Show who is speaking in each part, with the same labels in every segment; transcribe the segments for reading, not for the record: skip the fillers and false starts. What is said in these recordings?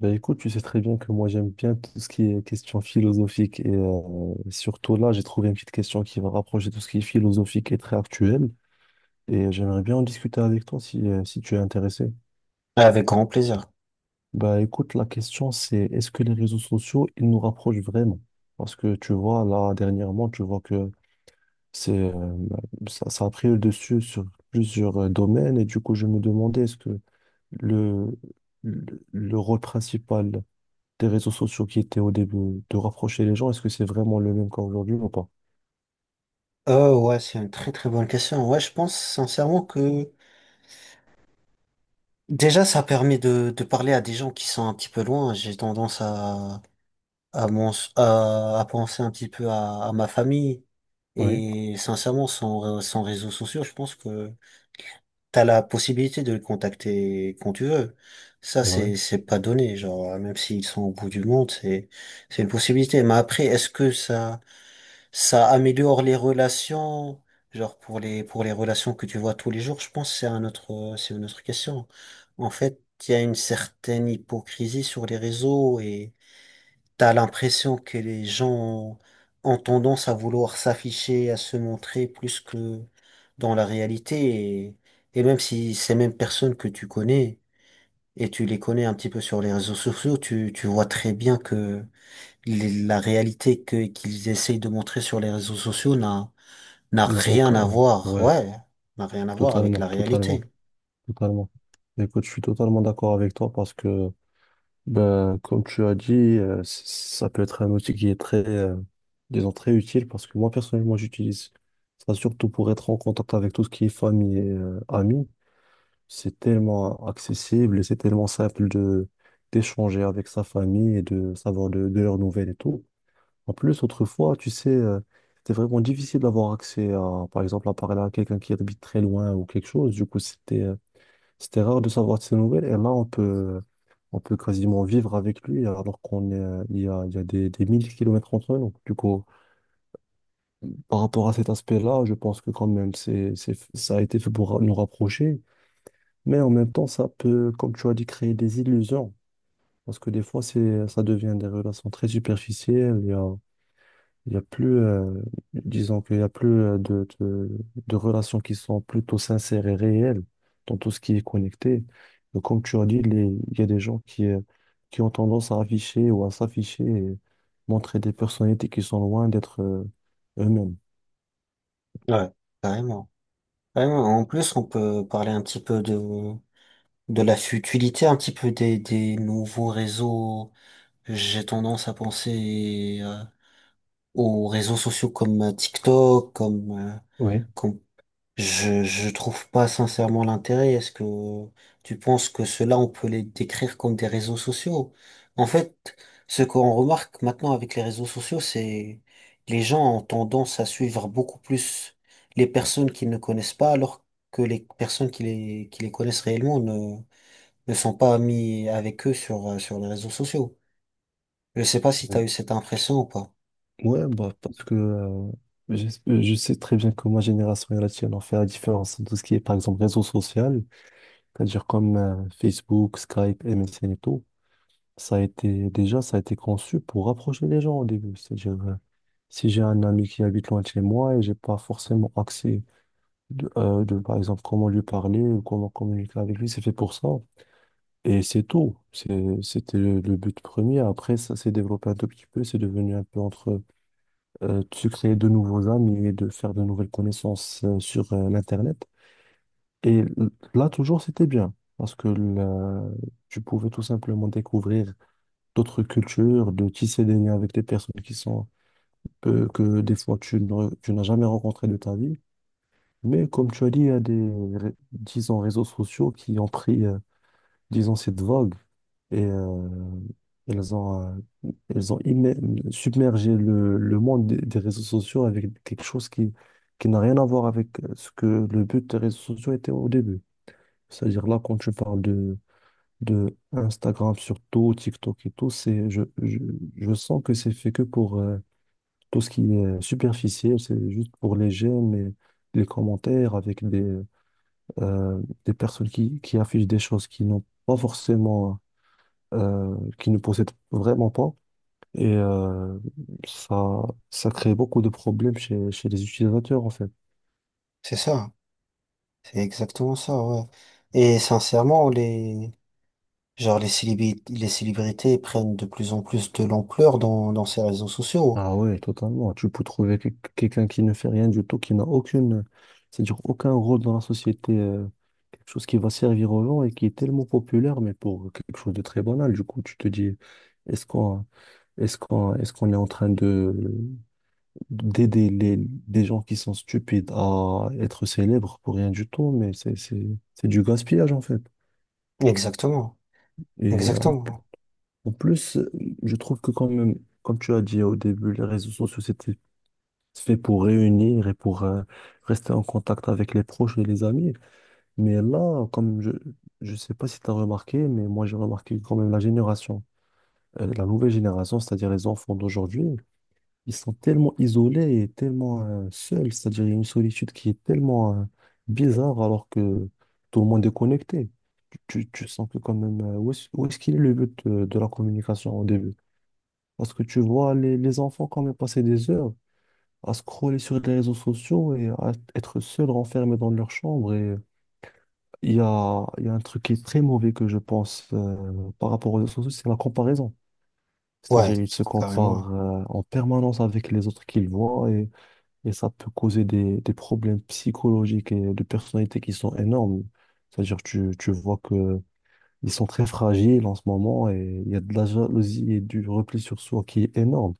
Speaker 1: Ben écoute, tu sais très bien que moi j'aime bien tout ce qui est question philosophique et surtout là j'ai trouvé une petite question qui va rapprocher tout ce qui est philosophique et très actuel et j'aimerais bien en discuter avec toi si tu es intéressé.
Speaker 2: Avec grand plaisir.
Speaker 1: Ben écoute, la question c'est est-ce que les réseaux sociaux ils nous rapprochent vraiment? Parce que tu vois là dernièrement tu vois que c'est ça a pris le dessus sur plusieurs domaines et du coup je me demandais est-ce que le, le rôle principal des réseaux sociaux qui étaient au début, de rapprocher les gens, est-ce que c'est vraiment le même qu'aujourd'hui ou pas?
Speaker 2: Oh ouais, c'est une très très bonne question. Ouais, je pense sincèrement que déjà ça permet de parler à des gens qui sont un petit peu loin. J'ai tendance à penser un petit peu à ma famille.
Speaker 1: Oui,
Speaker 2: Et sincèrement, sans réseaux sociaux, je pense que t'as la possibilité de les contacter quand tu veux. Ça,
Speaker 1: c'est vrai.
Speaker 2: c'est pas donné. Genre, même s'ils sont au bout du monde, c'est une possibilité. Mais après, est-ce que ça Ça améliore les relations, genre pour les relations que tu vois tous les jours, je pense que c'est une autre question. En fait, il y a une certaine hypocrisie sur les réseaux et t'as l'impression que les gens ont tendance à vouloir s'afficher, à se montrer plus que dans la réalité, et même si ces mêmes personnes que tu connais et tu les connais un petit peu sur les réseaux sociaux, tu vois très bien que la réalité que qu'ils essayent de montrer sur les réseaux sociaux n'a
Speaker 1: Non,
Speaker 2: rien à
Speaker 1: aucun.
Speaker 2: voir,
Speaker 1: Ouais,
Speaker 2: ouais, n'a rien à voir avec
Speaker 1: totalement,
Speaker 2: la réalité.
Speaker 1: totalement, totalement. Écoute, je suis totalement d'accord avec toi parce que, ben, comme tu as dit, ça peut être un outil qui est disons, très utile parce que moi, personnellement, j'utilise ça surtout pour être en contact avec tout ce qui est famille et amis. C'est tellement accessible et c'est tellement simple de d'échanger avec sa famille et de savoir de leurs nouvelles et tout. En plus, autrefois, tu sais, c'était vraiment difficile d'avoir accès à, par exemple, à parler à quelqu'un qui habite très loin ou quelque chose. Du coup, c'était rare de savoir de ses nouvelles. Et là, on peut quasiment vivre avec lui alors qu'on est, il y a des mille kilomètres entre nous. Du coup, par rapport à cet aspect-là, je pense que quand même, ça a été fait pour nous rapprocher. Mais en même temps, ça peut, comme tu as dit, créer des illusions. Parce que des fois, ça devient des relations très superficielles. Il y a disons qu'il y a plus de relations qui sont plutôt sincères et réelles dans tout ce qui est connecté. Et comme tu as dit, il y a des gens qui ont tendance à afficher ou à s'afficher et montrer des personnalités qui sont loin d'être eux-mêmes.
Speaker 2: Ouais. Carrément. Carrément. En plus, on peut parler un petit peu de la futilité, un petit peu des nouveaux réseaux. J'ai tendance à penser aux réseaux sociaux comme TikTok, comme, euh,
Speaker 1: Oui.
Speaker 2: comme je trouve pas sincèrement l'intérêt. Est-ce que tu penses que ceux-là, on peut les décrire comme des réseaux sociaux? En fait, ce qu'on remarque maintenant avec les réseaux sociaux, c'est les gens ont tendance à suivre beaucoup plus les personnes qu'ils ne connaissent pas, alors que les personnes qui les connaissent réellement ne sont pas amis avec eux sur, sur les réseaux sociaux. Je sais pas si tu
Speaker 1: Euh,
Speaker 2: as eu cette impression ou pas.
Speaker 1: ouais, bah, parce que je, je sais très bien que ma génération et la tienne ont fait la différence dans tout ce qui est, par exemple, réseau social, c'est-à-dire comme Facebook, Skype, MSN et tout. Ça a été, déjà, ça a été conçu pour rapprocher les gens au début. C'est-à-dire, si j'ai un ami qui habite loin de chez moi et j'ai pas forcément accès par exemple, comment lui parler ou comment communiquer avec lui, c'est fait pour ça. Et c'est tout. C'était le but premier. Après, ça s'est développé un tout petit peu. C'est devenu un peu entre de se créer de nouveaux amis et de faire de nouvelles connaissances sur l'Internet. Et l- Là, toujours, c'était bien. Parce que là, tu pouvais tout simplement découvrir d'autres cultures, de tisser des liens avec des personnes qui sont peu, que des fois tu n'as jamais rencontré de ta vie. Mais comme tu as dit, il y a des, ré- disons, réseaux sociaux qui ont pris, disons, cette vogue et ils ont, euh, ils ont immé- submergé le monde des réseaux sociaux avec quelque chose qui n'a rien à voir avec ce que le but des réseaux sociaux était au début. C'est-à-dire là, quand tu parles de Instagram surtout, TikTok et tout, je sens que c'est fait que pour tout ce qui est superficiel, c'est juste pour les j'aime et les commentaires avec des personnes qui affichent des choses qui n'ont pas qui ne possèdent vraiment pas. Et ça, ça crée beaucoup de problèmes chez les utilisateurs en fait.
Speaker 2: C'est ça. C'est exactement ça, ouais. Et sincèrement, les... Genre les célébrités prennent de plus en plus de l'ampleur dans ces réseaux sociaux.
Speaker 1: Ah ouais, totalement. Tu peux trouver que- Quelqu'un qui ne fait rien du tout, qui n'a aucune, c'est-à-dire aucun rôle dans la société, quelque chose qui va servir aux gens et qui est tellement populaire, mais pour quelque chose de très banal. Du coup, tu te dis, est-ce qu'on, est-ce qu'on est en train de d'aider des gens qui sont stupides à être célèbres pour rien du tout, mais c'est du gaspillage, en fait.
Speaker 2: Exactement,
Speaker 1: Et
Speaker 2: exactement.
Speaker 1: en plus, je trouve que quand même, comme tu as dit au début, les réseaux sociaux, c'était fait pour réunir et pour rester en contact avec les proches et les amis. Mais là, comme je sais pas si tu as remarqué, mais moi j'ai remarqué quand même la nouvelle génération, c'est-à-dire les enfants d'aujourd'hui, ils sont tellement isolés et tellement seuls, c'est-à-dire il y a une solitude qui est tellement bizarre alors que tout le monde est connecté. Tu sens que quand même, où est-ce qu'il est le but de la communication au début? Parce que tu vois les enfants quand même passer des heures à scroller sur les réseaux sociaux et à être seul renfermé dans leur chambre. Et il y a un truc qui est très mauvais que je pense par rapport aux réseaux sociaux, c'est la comparaison. C'est-à-dire
Speaker 2: Ouais,
Speaker 1: ils se
Speaker 2: carrément.
Speaker 1: comparent en permanence avec les autres qu'ils voient, et ça peut causer des problèmes psychologiques et de personnalité qui sont énormes. C'est-à-dire tu vois que ils sont très fragiles en ce moment et il y a de la jalousie et du repli sur soi qui est énorme.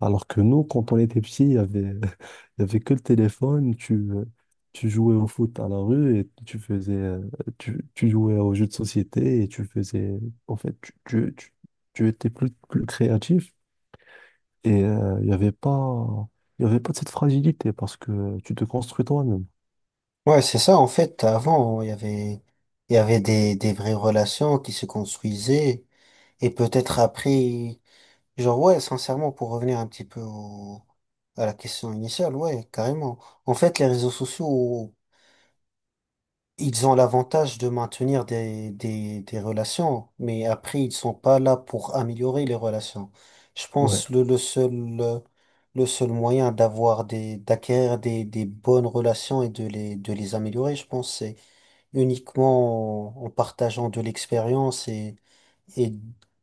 Speaker 1: Alors que nous, quand on était petits, il y avait, il y avait que le téléphone, tu jouais au foot à la rue et tu jouais aux jeux de société et tu faisais, en fait, tu étais plus créatif et il y avait pas de cette fragilité parce que tu te construis toi-même.
Speaker 2: Ouais, c'est ça, en fait, avant, il y avait des vraies relations qui se construisaient, et peut-être après, genre, ouais, sincèrement, pour revenir un petit peu à la question initiale, ouais, carrément. En fait, les réseaux sociaux ils ont l'avantage de maintenir des relations, mais après, ils sont pas là pour améliorer les relations. Je
Speaker 1: Ouais,
Speaker 2: pense euh, le seul moyen d'avoir d'acquérir des bonnes relations et de de les améliorer, je pense, c'est uniquement en partageant de l'expérience et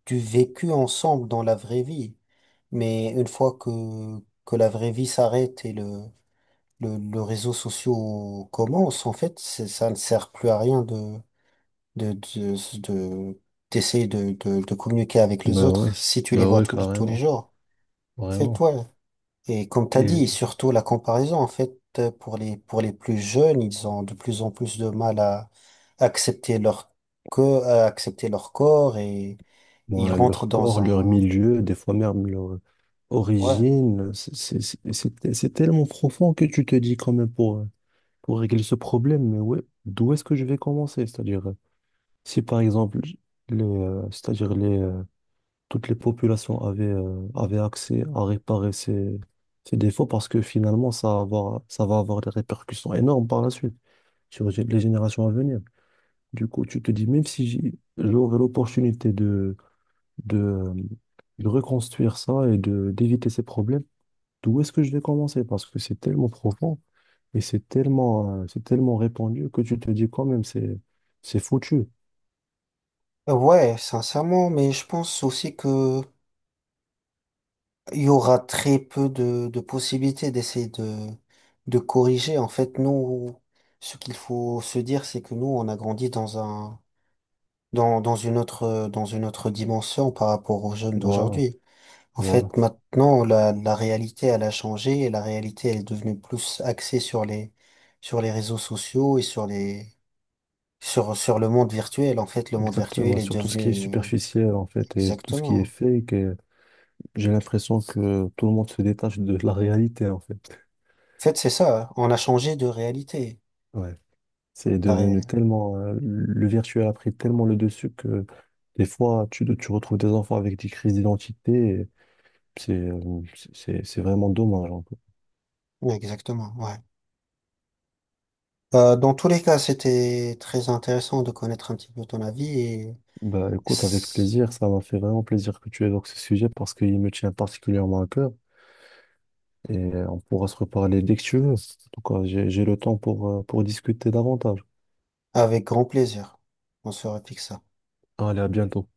Speaker 2: du vécu ensemble dans la vraie vie. Mais que la vraie vie s'arrête et le réseau social commence, en fait, c'est- ça ne sert plus à rien de, de, de- d'essayer de communiquer avec les
Speaker 1: bah
Speaker 2: autres
Speaker 1: ouais,
Speaker 2: si tu les
Speaker 1: bah
Speaker 2: vois
Speaker 1: ouais,
Speaker 2: tous les
Speaker 1: carrément,
Speaker 2: jours. En fait,
Speaker 1: vraiment.
Speaker 2: ouais. Et comme t'as dit, surtout la comparaison, en fait, pour les plus jeunes, ils ont de plus en plus de mal à accepter à accepter leur corps et
Speaker 1: Bon,
Speaker 2: ils rentrent
Speaker 1: leur
Speaker 2: dans
Speaker 1: corps, leur
Speaker 2: un,
Speaker 1: milieu, des fois même leur
Speaker 2: ouais.
Speaker 1: origine, c'est tellement profond que tu te dis quand même pour régler ce problème, mais ouais, d'où est-ce que je vais commencer? C'est-à-dire, si par exemple, c'est-à-dire toutes les populations avaient accès à réparer ces défauts, parce que finalement, ça va avoir des répercussions énormes par la suite sur les générations à venir. Du coup, tu te dis, même si j'ai- j'aurais l'opportunité de, de reconstruire ça et de d'éviter ces problèmes, d'où est-ce que je vais commencer? Parce que c'est tellement profond et c'est c'est tellement répandu que tu te dis quand même, c'est foutu.
Speaker 2: Ouais, sincèrement, mais je pense aussi que il y aura très peu de possibilités d'essayer de corriger. En fait, nous, ce qu'il faut se dire, c'est que nous, on a grandi dans une autre dimension par rapport aux jeunes
Speaker 1: Voilà,
Speaker 2: d'aujourd'hui. En
Speaker 1: voilà.
Speaker 2: fait, maintenant, la réalité, elle a changé et la réalité, elle est devenue plus axée sur les réseaux sociaux et sur le monde virtuel. En fait, le monde
Speaker 1: Exactement.
Speaker 2: virtuel est
Speaker 1: Sur tout ce qui est
Speaker 2: devenu,
Speaker 1: superficiel, en fait, et tout ce qui
Speaker 2: exactement.
Speaker 1: est
Speaker 2: Hein.
Speaker 1: fake. Et j'ai l'impression que tout le monde se détache de la réalité, en fait.
Speaker 2: En fait, c'est ça. Hein. On a changé de réalité.
Speaker 1: Ouais. C'est devenu le virtuel a pris tellement le dessus que des fois, tu retrouves des enfants avec des crises d'identité. Et c'est vraiment dommage, en fait.
Speaker 2: Oui, exactement, ouais. Dans tous les cas, c'était très intéressant de connaître un petit peu ton avis et
Speaker 1: Bah, écoute, avec
Speaker 2: s-
Speaker 1: plaisir, ça m'a fait vraiment plaisir que tu évoques ce sujet parce qu'il me tient particulièrement à cœur et on pourra se reparler dès que tu veux. En tout cas, j'ai le temps pour discuter davantage.
Speaker 2: avec grand plaisir, on se refixe ça.
Speaker 1: Allez, à bientôt.